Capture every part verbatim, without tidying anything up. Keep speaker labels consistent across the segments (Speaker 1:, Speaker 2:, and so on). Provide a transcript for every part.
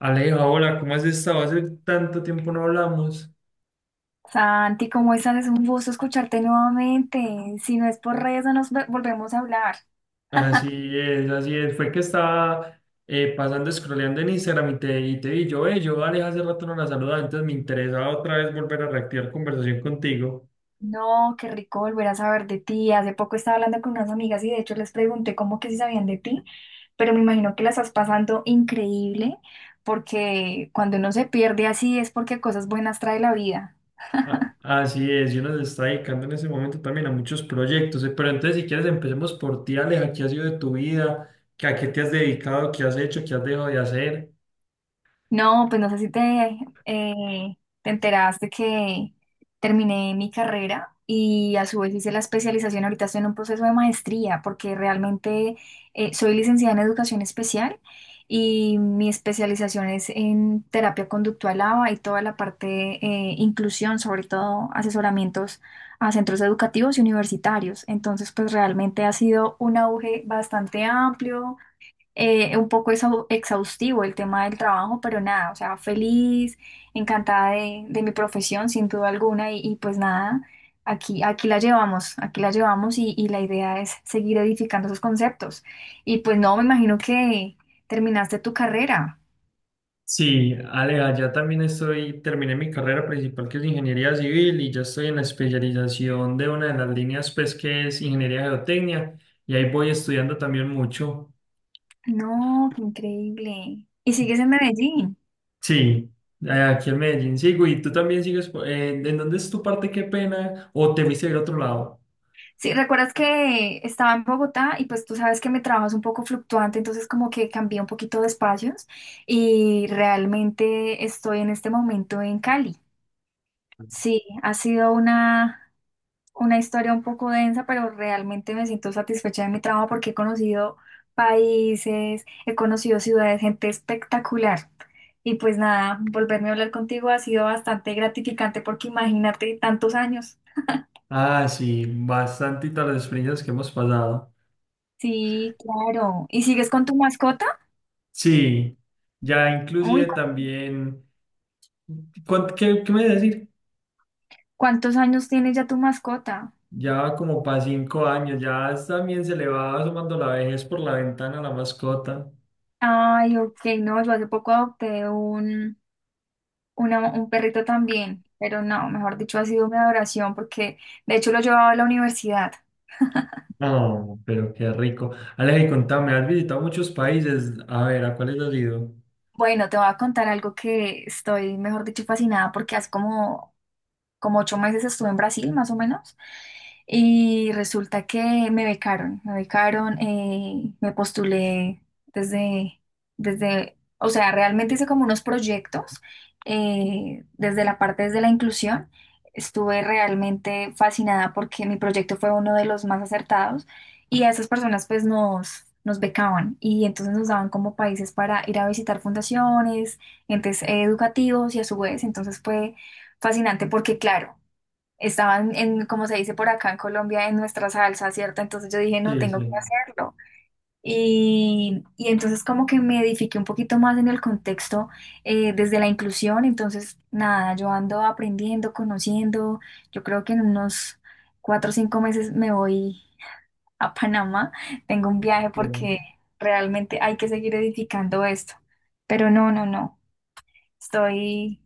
Speaker 1: Aleja, hola, ¿cómo has estado? Hace tanto tiempo no hablamos.
Speaker 2: Santi, ¿cómo estás? Es un gusto escucharte nuevamente. Si no es por redes, no nos ve- volvemos a hablar.
Speaker 1: Así es, así es. Fue que estaba eh, pasando, scrolleando en Instagram y te, y te vi. Yo, eh, yo, Aleja, hace rato no la saludaba, entonces me interesaba otra vez volver a reactivar conversación contigo.
Speaker 2: No, qué rico volver a saber de ti. Hace poco estaba hablando con unas amigas y de hecho les pregunté cómo que si sabían de ti, pero me imagino que la estás pasando increíble porque cuando uno se pierde así es porque cosas buenas trae la vida.
Speaker 1: A- así es, yo nos está dedicando en ese momento también a muchos proyectos. eh, Pero entonces, si quieres, empecemos por ti, Aleja. ¿Qué ha sido de tu vida? ¿Qué- ¿A qué te has dedicado? ¿Qué has hecho? ¿Qué has dejado de hacer?
Speaker 2: No, pues no sé si te, eh, te enteraste que terminé mi carrera y a su vez hice la especialización. Ahorita estoy en un proceso de maestría porque realmente eh, soy licenciada en educación especial y mi especialización es en terapia conductual A B A y toda la parte de inclusión, sobre todo asesoramientos a centros educativos y universitarios. Entonces, pues realmente ha sido un auge bastante amplio, eh, un poco exau- exhaustivo el tema del trabajo, pero nada, o sea, feliz, encantada de, de mi profesión, sin duda alguna, y, y pues nada, aquí, aquí la llevamos, aquí la llevamos y, y la idea es seguir edificando esos conceptos. Y pues no, me imagino que terminaste tu carrera.
Speaker 1: Sí, Alea, ya también estoy, terminé mi carrera principal que es ingeniería civil y ya estoy en la especialización de una de las líneas pues que es ingeniería geotecnia y ahí voy estudiando también mucho.
Speaker 2: No, qué increíble. Y sigues en Medellín.
Speaker 1: Sí, eh, aquí en Medellín sigo y tú también sigues, po- eh, ¿en dónde es tu parte? Qué pena, o te viste del otro lado.
Speaker 2: Sí, recuerdas que estaba en Bogotá y pues tú sabes que mi trabajo es un poco fluctuante, entonces como que cambié un poquito de espacios y realmente estoy en este momento en Cali. Sí, ha sido una, una historia un poco densa, pero realmente me siento satisfecha de mi trabajo porque he conocido países, he conocido ciudades, gente espectacular. Y pues nada, volverme a hablar contigo ha sido bastante gratificante porque imagínate tantos años.
Speaker 1: Ah, sí, bastante las experiencias que hemos pasado.
Speaker 2: Sí, claro. ¿Y sigues con tu mascota?
Speaker 1: Sí, ya
Speaker 2: Uy,
Speaker 1: inclusive también, ¿cuán- ¿qué, qué me decir?
Speaker 2: ¿cuántos años tiene ya tu mascota?
Speaker 1: Ya va como para cinco años, ya también se le va asomando la vejez por la ventana a la mascota.
Speaker 2: Ay, ok, no, yo hace poco adopté un, una- un perrito también, pero no, mejor dicho, ha sido mi adoración porque de hecho lo llevaba a la universidad.
Speaker 1: No, pero qué rico. Aleja, y contame, has visitado muchos países. A ver, ¿a cuáles has ido?
Speaker 2: Bueno, te voy a contar algo que estoy, mejor dicho, fascinada porque hace como como ocho meses estuve en Brasil, más o menos, y resulta que me becaron, me becaron, eh, me postulé desde, desde, o sea, realmente hice como unos proyectos, eh, desde la parte desde la inclusión. Estuve realmente fascinada porque mi proyecto fue uno de los más acertados y a esas personas pues nos, nos becaban y entonces nos daban como países para ir a visitar fundaciones, entes educativos y a su vez entonces fue fascinante porque, claro, estaban en, como se dice por acá en Colombia, en nuestra salsa, ¿cierto? Entonces yo dije, no,
Speaker 1: Sí,
Speaker 2: tengo que
Speaker 1: sí.
Speaker 2: hacerlo. Y, y entonces como que me edifiqué un poquito más en el contexto, eh, desde la inclusión. Entonces, nada, yo ando aprendiendo, conociendo. Yo creo que en unos cuatro o cinco meses me voy a Panamá. Tengo un viaje
Speaker 1: Sí.
Speaker 2: porque realmente hay que seguir edificando esto. Pero no, no, no. Estoy...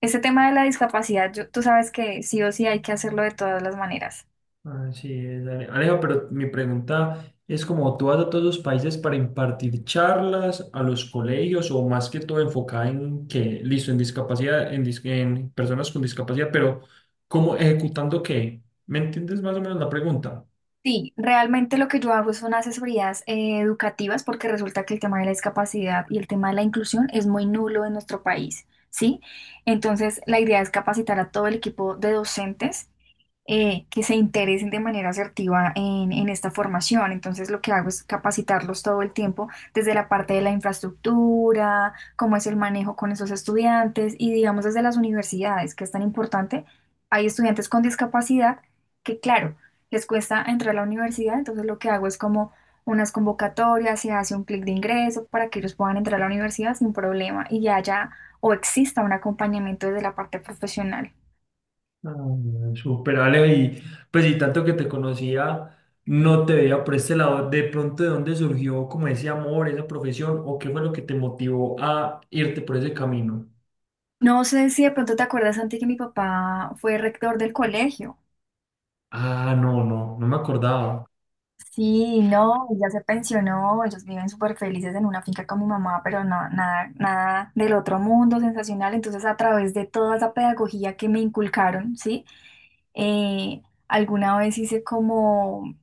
Speaker 2: Ese tema de la discapacidad, yo- tú sabes que sí o sí hay que hacerlo de todas las maneras.
Speaker 1: Así es, Ale- Aleja, pero mi pregunta es como tú vas a todos los países para impartir charlas a los colegios o más que todo enfocada en que, listo, en discapacidad, en, dis- en personas con discapacidad, pero ¿cómo ejecutando qué? ¿Me entiendes más o menos la pregunta?
Speaker 2: Sí, realmente lo que yo hago son asesorías eh, educativas porque resulta que el tema de la discapacidad y el tema de la inclusión es muy nulo en nuestro país, ¿sí? Entonces, la idea es capacitar a todo el equipo de docentes, eh, que se interesen de manera asertiva en, en esta formación. Entonces, lo que hago es capacitarlos todo el tiempo desde la parte de la infraestructura, cómo es el manejo con esos estudiantes y, digamos, desde las universidades, que es tan importante. Hay estudiantes con discapacidad que, claro, les cuesta entrar a la universidad, entonces lo que hago es como unas convocatorias, se hace un clic de ingreso para que ellos puedan entrar a la universidad sin problema y ya haya o exista un acompañamiento desde la parte profesional.
Speaker 1: Mm, súper, Ale, y pues y tanto que te conocía, no te veía por este lado, de pronto de dónde surgió como ese amor, esa profesión, o qué fue lo que te motivó a irte por ese camino.
Speaker 2: No sé si de pronto te acuerdas, Santi, que mi papá fue rector del colegio.
Speaker 1: Ah, no, no, no me acordaba.
Speaker 2: Sí, no, ya se pensionó, ellos viven súper felices en una finca con mi mamá, pero no, nada, nada del otro mundo sensacional. Entonces, a través de toda esa pedagogía que me inculcaron, ¿sí? Eh, Alguna vez hice como,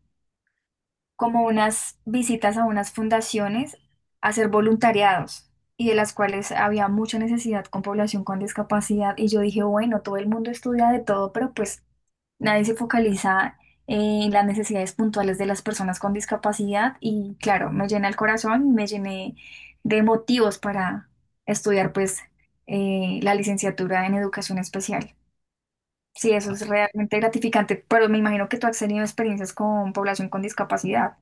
Speaker 2: como unas visitas a unas fundaciones a hacer voluntariados y de las cuales había mucha necesidad con población con discapacidad. Y yo dije, bueno, todo el mundo estudia de todo, pero pues nadie se focaliza en las necesidades puntuales de las personas con discapacidad y claro, me llena el corazón, me llené de motivos para estudiar pues eh, la licenciatura en educación especial. Sí, eso es realmente gratificante, pero me imagino que tú has tenido experiencias con población con discapacidad.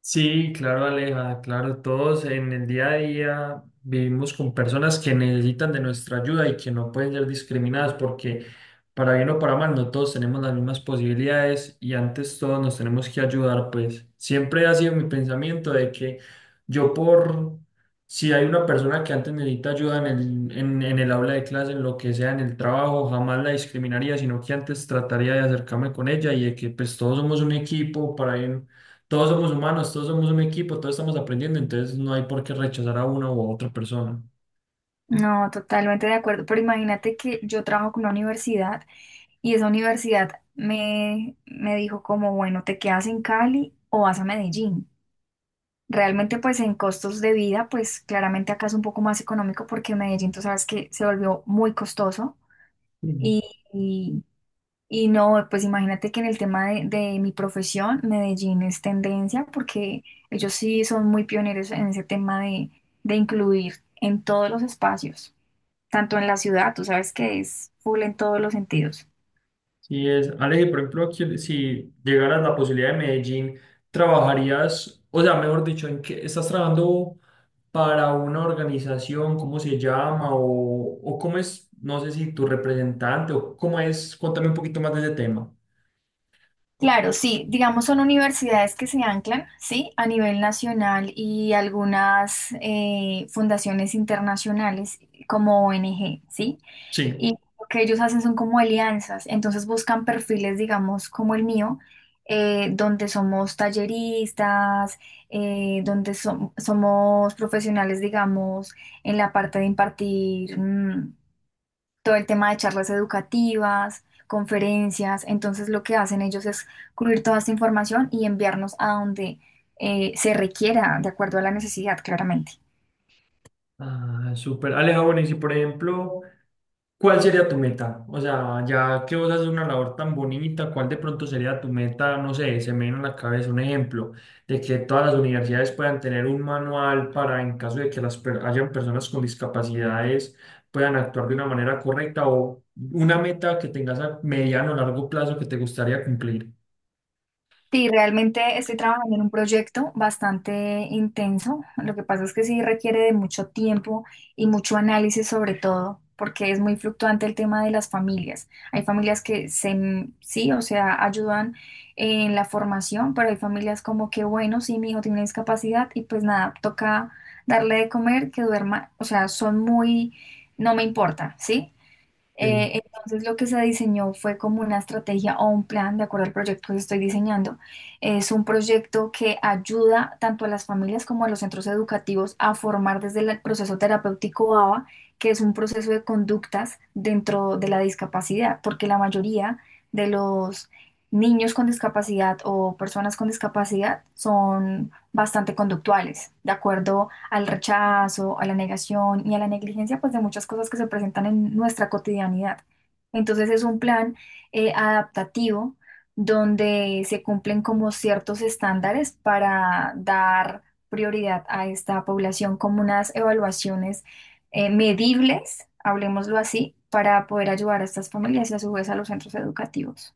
Speaker 1: Sí, claro, Aleja, claro, todos en el día a día vivimos con personas que necesitan de nuestra ayuda y que no pueden ser discriminadas porque para bien o para mal no todos tenemos las mismas posibilidades y antes todos nos tenemos que ayudar, pues siempre ha sido mi pensamiento de que yo por si hay una persona que antes necesita ayuda en el, en, en el aula de clase, en lo que sea, en el trabajo, jamás la discriminaría, sino que antes trataría de acercarme con ella y de que pues todos somos un equipo para bien, todos somos humanos, todos somos un equipo, todos estamos aprendiendo, entonces no hay por qué rechazar a una u otra persona.
Speaker 2: No, totalmente de acuerdo, pero imagínate que yo trabajo con una universidad y esa universidad me, me dijo como, bueno, te quedas en Cali o vas a Medellín. Realmente, pues en costos de vida, pues claramente acá es un poco más económico porque Medellín, tú sabes que se volvió muy costoso
Speaker 1: Sí.
Speaker 2: y, y, y no, pues imagínate que en el tema de, de mi profesión, Medellín es tendencia porque ellos sí son muy pioneros en ese tema de, de incluir en todos los espacios, tanto en la ciudad, tú sabes que es full en todos los sentidos.
Speaker 1: Sí es, Ale, por ejemplo, aquí, si llegaras la posibilidad de Medellín, ¿trabajarías, o sea, mejor dicho, en qué estás trabajando para una organización, cómo se llama, o, o cómo es, no sé si tu representante, o cómo es, cuéntame un poquito más de ese tema.
Speaker 2: Claro, sí, digamos son universidades que se anclan, sí, a nivel nacional y algunas eh, fundaciones internacionales como O N G, sí.
Speaker 1: Sí.
Speaker 2: Y lo que ellos hacen son como alianzas, entonces buscan perfiles, digamos, como el mío, eh, donde somos talleristas, eh, donde som- somos profesionales, digamos, en la parte de impartir, mm, todo el tema de charlas educativas, conferencias. Entonces lo que hacen ellos es cubrir toda esta información y enviarnos a donde eh, se requiera, de acuerdo a la necesidad, claramente.
Speaker 1: Ah, súper. Ale, ah, bueno, y si por ejemplo, ¿cuál sería tu meta? O sea, ya que vos haces una labor tan bonita, ¿cuál de pronto sería tu meta? No sé, se me viene a la cabeza un ejemplo de que todas las universidades puedan tener un manual para, en caso de que las per- hayan personas con discapacidades, puedan actuar de una manera correcta o una meta que tengas a mediano o largo plazo que te gustaría cumplir.
Speaker 2: Sí, realmente estoy trabajando en un proyecto bastante intenso. Lo que pasa es que sí requiere de mucho tiempo y mucho análisis sobre todo, porque es muy fluctuante el tema de las familias. Hay familias que se, mm, sí, o sea, ayudan en la formación, pero hay familias como que, bueno, sí, mi hijo tiene una discapacidad y pues nada, toca darle de comer, que duerma, o sea, son muy, no me importa, ¿sí?
Speaker 1: Sí,
Speaker 2: Eh, entonces lo que se diseñó fue como una estrategia o un plan de acuerdo al proyecto que estoy diseñando. Es un proyecto que ayuda tanto a las familias como a los centros educativos a formar desde el proceso terapéutico A B A, que es un proceso de conductas dentro de la discapacidad, porque la mayoría de los niños con discapacidad o personas con discapacidad son bastante conductuales, de acuerdo al rechazo, a la negación y a la negligencia, pues de muchas cosas que se presentan en nuestra cotidianidad. Entonces es un plan, eh, adaptativo, donde se cumplen como ciertos estándares para dar prioridad a esta población como unas evaluaciones, eh, medibles, hablemoslo así, para poder ayudar a estas familias y a su vez a los centros educativos.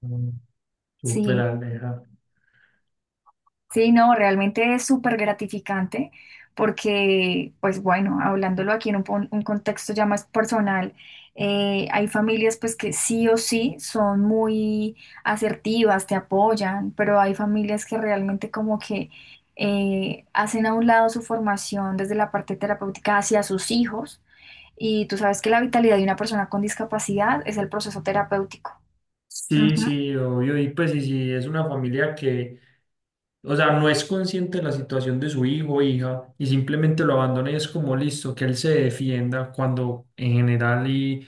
Speaker 1: mm, súper
Speaker 2: Sí,
Speaker 1: Aleja.
Speaker 2: Sí, no, realmente es súper gratificante porque, pues bueno, hablándolo aquí en un, pon- un contexto ya más personal, eh, hay familias pues que sí o sí son muy asertivas, te apoyan, pero hay familias que realmente como que eh, hacen a un lado su formación desde la parte terapéutica hacia sus hijos y tú sabes que la vitalidad de una persona con discapacidad es el proceso terapéutico.
Speaker 1: Sí, sí, obvio. Y pues, y si es una familia que, o sea, no es consciente de la situación de su hijo o hija y simplemente lo abandona y es como listo, que él se defienda cuando en general y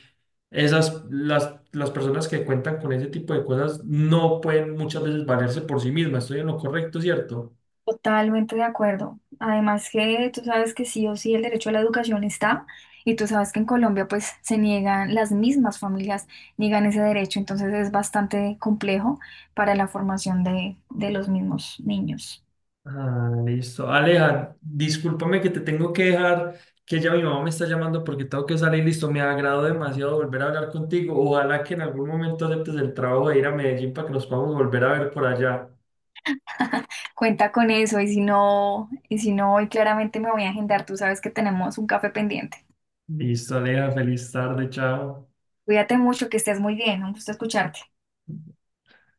Speaker 1: esas, las, las personas que cuentan con ese tipo de cosas no pueden muchas veces valerse por sí mismas. Estoy en lo correcto, ¿cierto?
Speaker 2: Totalmente de acuerdo. Además que tú sabes que sí o sí el derecho a la educación está y tú sabes que en Colombia pues se niegan, las mismas familias niegan ese derecho, entonces es bastante complejo para la formación de, de los mismos niños.
Speaker 1: Ah, listo. Aleja, discúlpame que te tengo que dejar, que ya mi mamá me está llamando porque tengo que salir. Listo, me agradó demasiado volver a hablar contigo. Ojalá que en algún momento aceptes el trabajo de ir a Medellín para que nos podamos volver a ver por allá.
Speaker 2: Cuenta con eso y si no, y si no, hoy claramente me voy a agendar, tú sabes que tenemos un café pendiente.
Speaker 1: Listo, Aleja, feliz tarde, chao.
Speaker 2: Cuídate mucho, que estés muy bien, un gusto escucharte.